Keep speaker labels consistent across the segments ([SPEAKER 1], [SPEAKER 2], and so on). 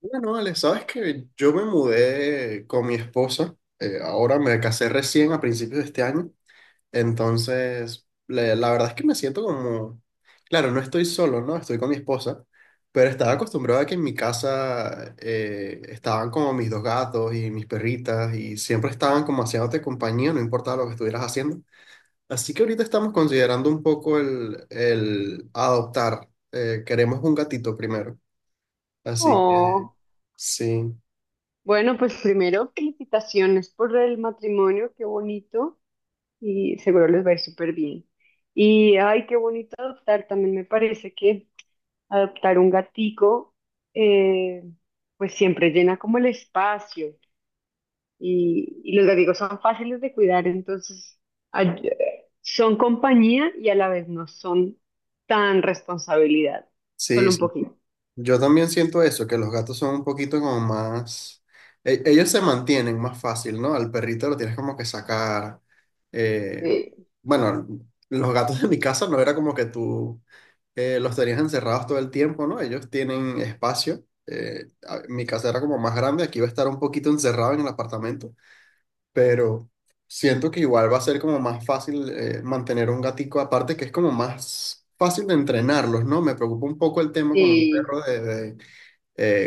[SPEAKER 1] Bueno, Ale, sabes que yo me mudé con mi esposa, ahora me casé recién a principios de este año, entonces la verdad es que me siento como, claro, no estoy solo, ¿no? Estoy con mi esposa, pero estaba acostumbrado a que en mi casa estaban como mis dos gatos y mis perritas y siempre estaban como haciéndote compañía, no importaba lo que estuvieras haciendo. Así que ahorita estamos considerando un poco el adoptar, queremos un gatito primero, así que
[SPEAKER 2] Oh,
[SPEAKER 1] sí.
[SPEAKER 2] bueno, pues primero, felicitaciones por el matrimonio, qué bonito, y seguro les va a ir súper bien. Y ay, qué bonito adoptar, también me parece que adoptar un gatico, eh, pues siempre llena como el espacio, y los gaticos son fáciles de cuidar, entonces son compañía y a la vez no son tan responsabilidad,
[SPEAKER 1] Sí,
[SPEAKER 2] solo un
[SPEAKER 1] sí.
[SPEAKER 2] poquito.
[SPEAKER 1] Yo también siento eso, que los gatos son un poquito como más. Ellos se mantienen más fácil, ¿no? Al perrito lo tienes como que sacar. eh,
[SPEAKER 2] Sí,
[SPEAKER 1] Bueno, los gatos de mi casa no era como que tú los tenías encerrados todo el tiempo, ¿no? Ellos tienen espacio. Mi casa era como más grande, aquí iba a estar un poquito encerrado en el apartamento, pero siento que igual va a ser como más fácil mantener un gatico, aparte que es como más fácil de entrenarlos, ¿no? Me preocupa un poco el tema con un
[SPEAKER 2] sí.
[SPEAKER 1] perro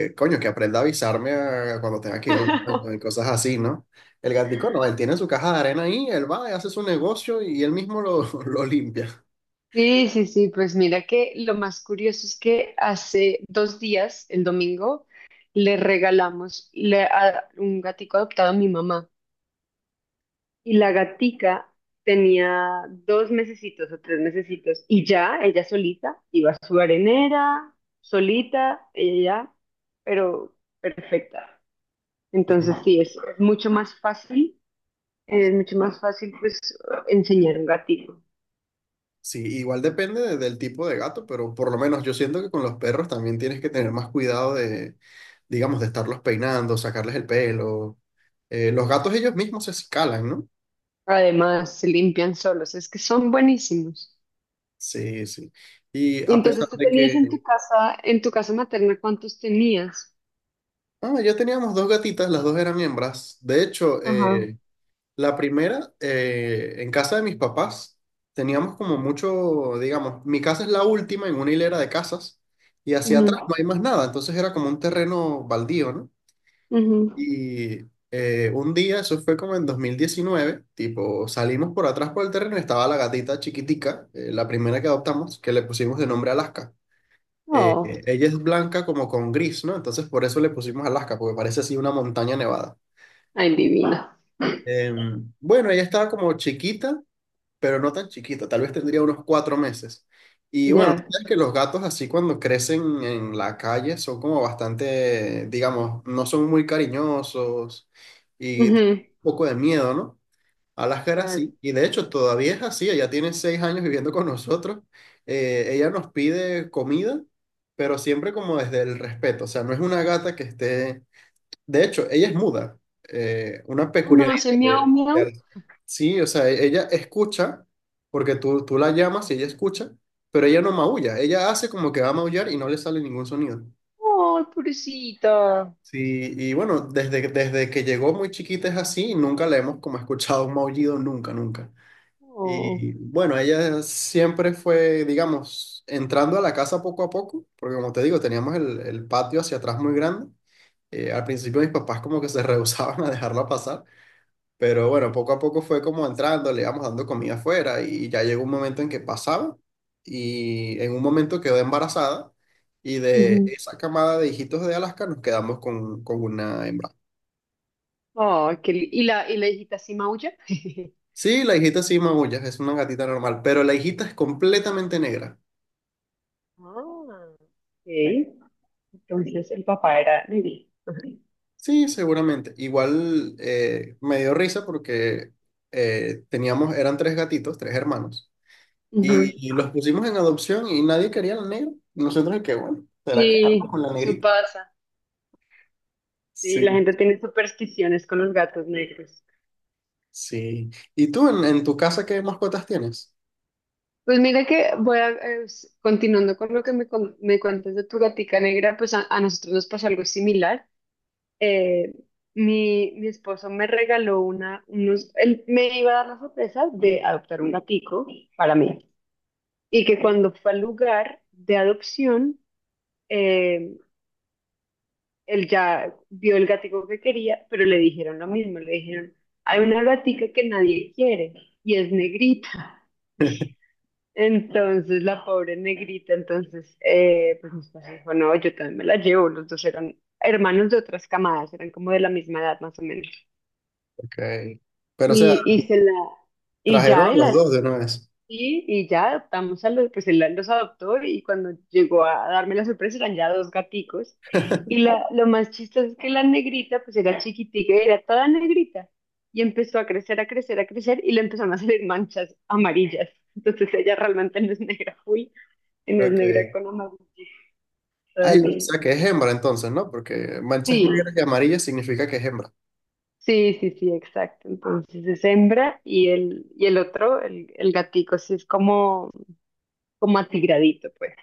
[SPEAKER 1] coño, que aprenda a avisarme cuando tenga que ir al baño y cosas así, ¿no? El gatico no, él tiene su caja de arena ahí, él va y hace su negocio y él mismo lo, lo limpia.
[SPEAKER 2] Sí, sí, sí, pues mira que lo más curioso es que hace 2 días, el domingo, le regalamos a un gatico adoptado a mi mamá y la gatica tenía 2 mesecitos o 3 mesecitos y ya ella solita iba a su arenera, solita, ella ya, pero perfecta. Entonces
[SPEAKER 1] Sí.
[SPEAKER 2] sí, es mucho más fácil, es mucho más fácil pues enseñar a un gatico.
[SPEAKER 1] Sí, igual depende del tipo de gato, pero por lo menos yo siento que con los perros también tienes que tener más cuidado de, digamos, de estarlos peinando, sacarles el pelo. Los gatos ellos mismos se escalan, ¿no?
[SPEAKER 2] Además, se limpian solos, es que son buenísimos.
[SPEAKER 1] Sí, sí. Y
[SPEAKER 2] Y
[SPEAKER 1] a pesar
[SPEAKER 2] entonces tú
[SPEAKER 1] de
[SPEAKER 2] tenías
[SPEAKER 1] que,
[SPEAKER 2] en tu casa materna, ¿cuántos tenías?
[SPEAKER 1] ya teníamos dos gatitas, las dos eran hembras. De hecho,
[SPEAKER 2] Ajá.
[SPEAKER 1] la primera, en casa de mis papás, teníamos como mucho, digamos, mi casa es la última en una hilera de casas y hacia
[SPEAKER 2] Ujú,
[SPEAKER 1] atrás no hay más nada, entonces era como un terreno baldío, ¿no?
[SPEAKER 2] ujú.
[SPEAKER 1] Y un día, eso fue como en 2019 tipo, salimos por atrás por el terreno y estaba la gatita chiquitica, la primera que adoptamos, que le pusimos de nombre Alaska.
[SPEAKER 2] Oh,
[SPEAKER 1] Ella es blanca como con gris, ¿no? Entonces por eso le pusimos Alaska, porque parece así una montaña nevada.
[SPEAKER 2] ay, divina.
[SPEAKER 1] Bueno, ella estaba como chiquita, pero no tan chiquita, tal vez tendría unos 4 meses. Y bueno, tú
[SPEAKER 2] Ya.
[SPEAKER 1] sabes que los gatos así cuando crecen en la calle son como bastante, digamos, no son muy cariñosos y da
[SPEAKER 2] Ujú,
[SPEAKER 1] un poco de miedo, ¿no? Alaska era
[SPEAKER 2] claro.
[SPEAKER 1] así, y de hecho todavía es así, ella tiene 6 años viviendo con nosotros. Ella nos pide comida, pero siempre como desde el respeto, o sea, no es una gata que esté. De hecho, ella es muda. Una
[SPEAKER 2] Oh, no,
[SPEAKER 1] peculiaridad
[SPEAKER 2] hace miau,
[SPEAKER 1] de
[SPEAKER 2] miau.
[SPEAKER 1] Alaska. Sí, o sea, ella escucha, porque tú la llamas y ella escucha, pero ella no maulla. Ella hace como que va a maullar y no le sale ningún sonido.
[SPEAKER 2] Oh, pobrecita.
[SPEAKER 1] Sí, y bueno, desde, desde que llegó muy chiquita es así y nunca le hemos como escuchado un maullido, nunca, nunca.
[SPEAKER 2] Oh,
[SPEAKER 1] Y bueno, ella siempre fue, digamos, entrando a la casa poco a poco, porque como te digo, teníamos el patio hacia atrás muy grande. Al principio mis papás como que se rehusaban a dejarla pasar. Pero bueno, poco a poco fue como entrando, le íbamos dando comida afuera y ya llegó un momento en que pasaba y en un momento quedó embarazada y de
[SPEAKER 2] ujú.
[SPEAKER 1] esa camada de hijitos de Alaska nos quedamos con una hembra.
[SPEAKER 2] Oh, ¿Y la hijita sí maulla?
[SPEAKER 1] Sí, la hijita sí maulla, es una gatita normal, pero la hijita es completamente negra.
[SPEAKER 2] Ah, okay. Entonces el papá era negro. Ajá.
[SPEAKER 1] Sí, seguramente. Igual me dio risa porque teníamos, eran tres gatitos, tres hermanos,
[SPEAKER 2] Ujú.
[SPEAKER 1] y los pusimos en adopción y nadie quería la negra. Nosotros, que bueno, será que vamos
[SPEAKER 2] Sí,
[SPEAKER 1] con la
[SPEAKER 2] eso
[SPEAKER 1] negrita.
[SPEAKER 2] pasa. Sí, la
[SPEAKER 1] Sí,
[SPEAKER 2] gente tiene supersticiones con los gatos negros.
[SPEAKER 1] sí. ¿Y tú en tu casa qué mascotas tienes?
[SPEAKER 2] Pues mira que continuando con lo que me cuentas de tu gatica negra, pues a nosotros nos pasó algo similar. Eh, mi esposo me regaló él me iba a dar la sorpresa de adoptar un gatico para mí. Y que cuando fue al lugar de adopción, eh, él ya vio el gatico que quería, pero le dijeron lo mismo, le dijeron, hay una gatica que nadie quiere y es negrita. Entonces la pobre negrita, entonces, pues mis papás dijo, no, yo también me la llevo, los dos eran hermanos de otras camadas, eran como de la misma edad más o menos.
[SPEAKER 1] Ok. Pero o sea,
[SPEAKER 2] Y se la, y
[SPEAKER 1] trajeron a
[SPEAKER 2] ya, y,
[SPEAKER 1] los
[SPEAKER 2] la-
[SPEAKER 1] dos de una vez.
[SPEAKER 2] Y ya adoptamos pues él los adoptó y cuando llegó a darme la sorpresa eran ya dos gaticos. Y la, lo más chistoso es que la negrita, pues era chiquitica, era toda negrita. Y empezó a crecer, a crecer, a crecer y le empezaron a salir manchas amarillas. Entonces ella realmente no es negra full Inés Negra
[SPEAKER 1] Ok.
[SPEAKER 2] con una gustada
[SPEAKER 1] Ay, o
[SPEAKER 2] luna.
[SPEAKER 1] sea que es hembra entonces, ¿no? Porque manchas
[SPEAKER 2] Sí,
[SPEAKER 1] negras y amarillas significa que es hembra.
[SPEAKER 2] sí, sí, sí, exacto. Entonces es hembra y el otro, el gatico, sí es como atigradito, pues.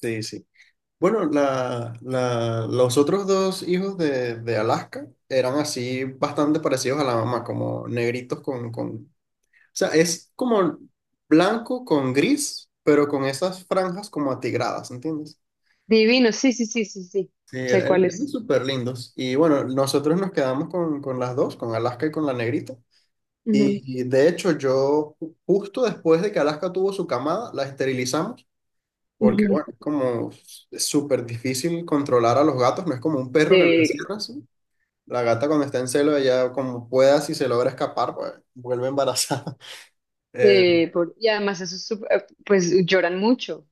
[SPEAKER 1] Sí, sí. Bueno, la, los otros dos hijos de Alaska eran así bastante parecidos a la mamá, como negritos con, con. O sea, es como blanco con gris, pero con esas franjas como atigradas, ¿entiendes?
[SPEAKER 2] Divino, sí, sí, sí, sí, sí.
[SPEAKER 1] Sí,
[SPEAKER 2] Sé
[SPEAKER 1] era, eran,
[SPEAKER 2] cuáles
[SPEAKER 1] eran
[SPEAKER 2] son.
[SPEAKER 1] súper lindos. Y bueno, nosotros nos quedamos con las dos, con Alaska y con la negrita.
[SPEAKER 2] Ujú,
[SPEAKER 1] Y de hecho, yo justo después de que Alaska tuvo su camada, la esterilizamos, porque
[SPEAKER 2] ujú.
[SPEAKER 1] bueno, es como es súper difícil controlar a los gatos, no es como un perro que lo
[SPEAKER 2] Sí, claro.
[SPEAKER 1] encierras. ¿Sí? La gata cuando está en celo, ella como pueda, si se logra escapar, pues vuelve embarazada. Eh,
[SPEAKER 2] Sí, y además eso es pues lloran mucho.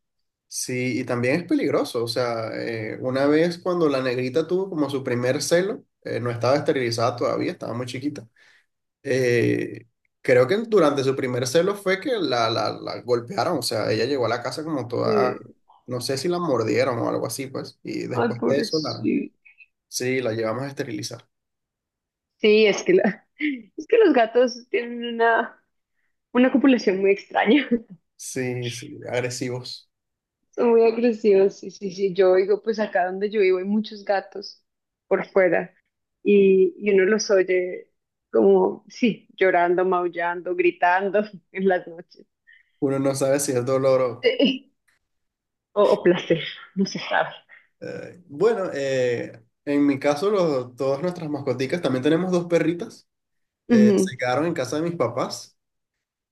[SPEAKER 1] sí, y también es peligroso. O sea, una vez cuando la negrita tuvo como su primer celo, no estaba esterilizada todavía, estaba muy chiquita. Eh, creo que durante su primer celo fue que la golpearon, o sea, ella llegó a la casa como toda,
[SPEAKER 2] Eh,
[SPEAKER 1] no sé si la mordieron o algo así, pues, y
[SPEAKER 2] Ay,
[SPEAKER 1] después de eso, la,
[SPEAKER 2] pobrecito.
[SPEAKER 1] sí, la llevamos a esterilizar.
[SPEAKER 2] Sí, es que los gatos tienen una copulación muy extraña.
[SPEAKER 1] Sí, sí, agresivos.
[SPEAKER 2] Son muy agresivos, sí, sí, sí. Yo digo, pues acá donde yo vivo hay muchos gatos por fuera y uno los oye como, sí, llorando, maullando, gritando en las noches.
[SPEAKER 1] Uno no sabe si es dolor o.
[SPEAKER 2] Sí. O placer, no se sabe.
[SPEAKER 1] Bueno, en mi caso, todas nuestras mascoticas, también tenemos dos perritas, se
[SPEAKER 2] Ujú.
[SPEAKER 1] quedaron en casa de mis papás.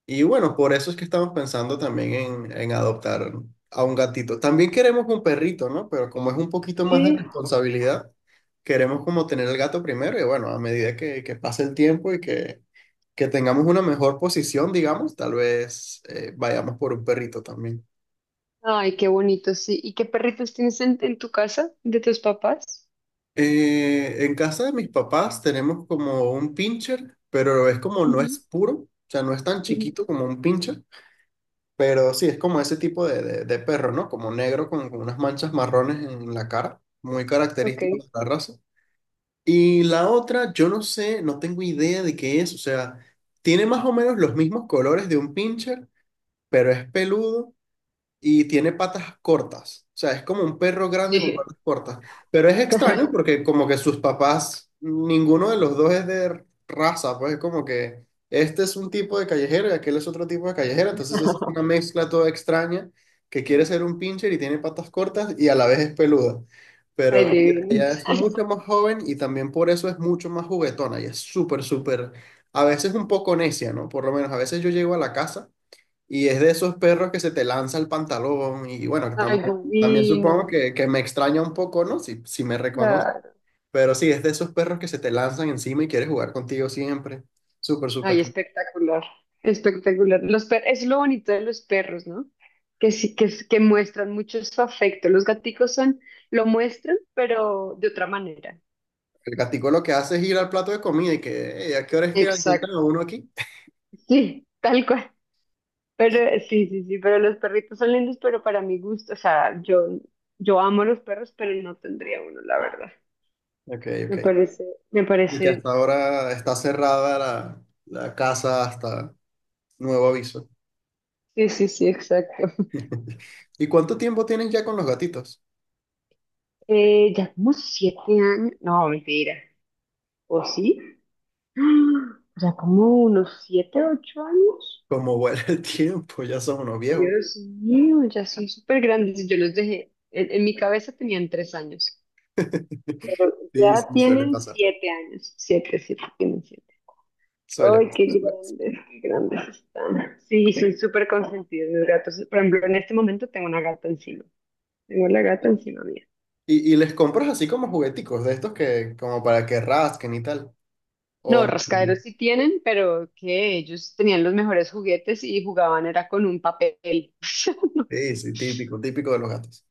[SPEAKER 1] Y bueno, por eso es que estamos pensando también en adoptar a un gatito. También queremos un perrito, ¿no? Pero como es un poquito más de
[SPEAKER 2] Sí.
[SPEAKER 1] responsabilidad, queremos como tener el gato primero y bueno, a medida que pase el tiempo y que tengamos una mejor posición, digamos, tal vez vayamos por un perrito también.
[SPEAKER 2] Ay, qué bonito, sí. ¿Y qué perritos tienes en tu casa de tus papás?
[SPEAKER 1] En casa de mis papás tenemos como un pincher, pero es como no es
[SPEAKER 2] Ujú,
[SPEAKER 1] puro, o sea, no es tan
[SPEAKER 2] ujú.
[SPEAKER 1] chiquito como un pincher. Pero sí, es como ese tipo de, de perro, ¿no? Como negro con unas manchas marrones en la cara, muy
[SPEAKER 2] Ok.
[SPEAKER 1] característico de la raza. Y la otra, yo no sé, no tengo idea de qué es, o sea, tiene más o menos los mismos colores de un pincher, pero es peludo y tiene patas cortas. O sea, es como un perro grande con patas cortas. Pero es extraño porque como que sus papás, ninguno de los dos es de raza, pues es como que este es un tipo de callejero y aquel es otro tipo de callejero. Entonces es una mezcla toda extraña que quiere ser un pincher y tiene patas cortas y a la vez es peluda.
[SPEAKER 2] Ay,
[SPEAKER 1] Pero ella,
[SPEAKER 2] divino.
[SPEAKER 1] ella es mucho más joven y también por eso es mucho más juguetona y es súper, súper, a veces un poco necia, ¿no? Por lo menos a veces yo llego a la casa. Y es de esos perros que se te lanza el pantalón. Y bueno,
[SPEAKER 2] Ay,
[SPEAKER 1] también
[SPEAKER 2] divino.
[SPEAKER 1] supongo que me extraña un poco, ¿no? Si, si me reconoce. Pero sí, es de esos perros que se te lanzan encima y quieres jugar contigo siempre. Súper,
[SPEAKER 2] Ay,
[SPEAKER 1] súper.
[SPEAKER 2] espectacular, espectacular. Los per es lo bonito de los perros, ¿no? Que sí, que muestran mucho su afecto. Los gaticos lo muestran, pero de otra manera.
[SPEAKER 1] El gatico lo que hace es ir al plato de comida y que, "Ey, ¿a qué hora es que alimentan
[SPEAKER 2] Exacto.
[SPEAKER 1] a uno aquí?"
[SPEAKER 2] Sí, tal cual. Pero sí, sí, sí, pero los perritos son lindos, pero para mi gusto, o sea, yo amo los perros, pero no tendría uno, la verdad.
[SPEAKER 1] Ok,
[SPEAKER 2] Me
[SPEAKER 1] ok.
[SPEAKER 2] parece, me
[SPEAKER 1] Y que hasta
[SPEAKER 2] parece,
[SPEAKER 1] ahora está cerrada la, la casa hasta nuevo aviso.
[SPEAKER 2] sí, sí, sí, exacto.
[SPEAKER 1] ¿Y cuánto tiempo tienen ya con los gatitos?
[SPEAKER 2] Ya como 7 años, no, mentira, ¿o sí? ¡Ah! O sea, como unos 7, 8 años.
[SPEAKER 1] Como vuela el tiempo, ya son unos viejos.
[SPEAKER 2] Dios mío, ya son súper grandes. Yo los dejé, en mi cabeza tenían 3 años, pero
[SPEAKER 1] Sí,
[SPEAKER 2] ya
[SPEAKER 1] sí, suele
[SPEAKER 2] tienen
[SPEAKER 1] pasar.
[SPEAKER 2] 7 años. Siete, siete, tienen siete.
[SPEAKER 1] Suele
[SPEAKER 2] Ay,
[SPEAKER 1] pasar, suele pasar.
[SPEAKER 2] qué grandes están. Sí, son súper consentidos los gatos. Por ejemplo, en este momento tengo una gata encima. Tengo la gata encima mía.
[SPEAKER 1] Y les compras así como jugueticos de estos que, como para que rasquen y tal. O
[SPEAKER 2] No,
[SPEAKER 1] no.
[SPEAKER 2] rascaderos sí tienen, pero que ellos tenían los mejores juguetes y jugaban era con un papel.
[SPEAKER 1] Sí, sí, típico, típico de los gatos.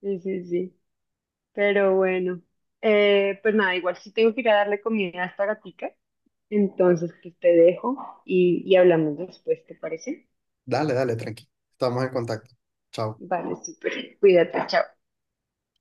[SPEAKER 2] Sí, sí, sí. Pero bueno, pues nada, igual sí tengo que ir a darle comida a esta gatica. Entonces, pues te dejo y hablamos después, ¿te parece?
[SPEAKER 1] Dale, dale, tranqui. Estamos en contacto. Chao.
[SPEAKER 2] Vale, súper. Cuídate, chao.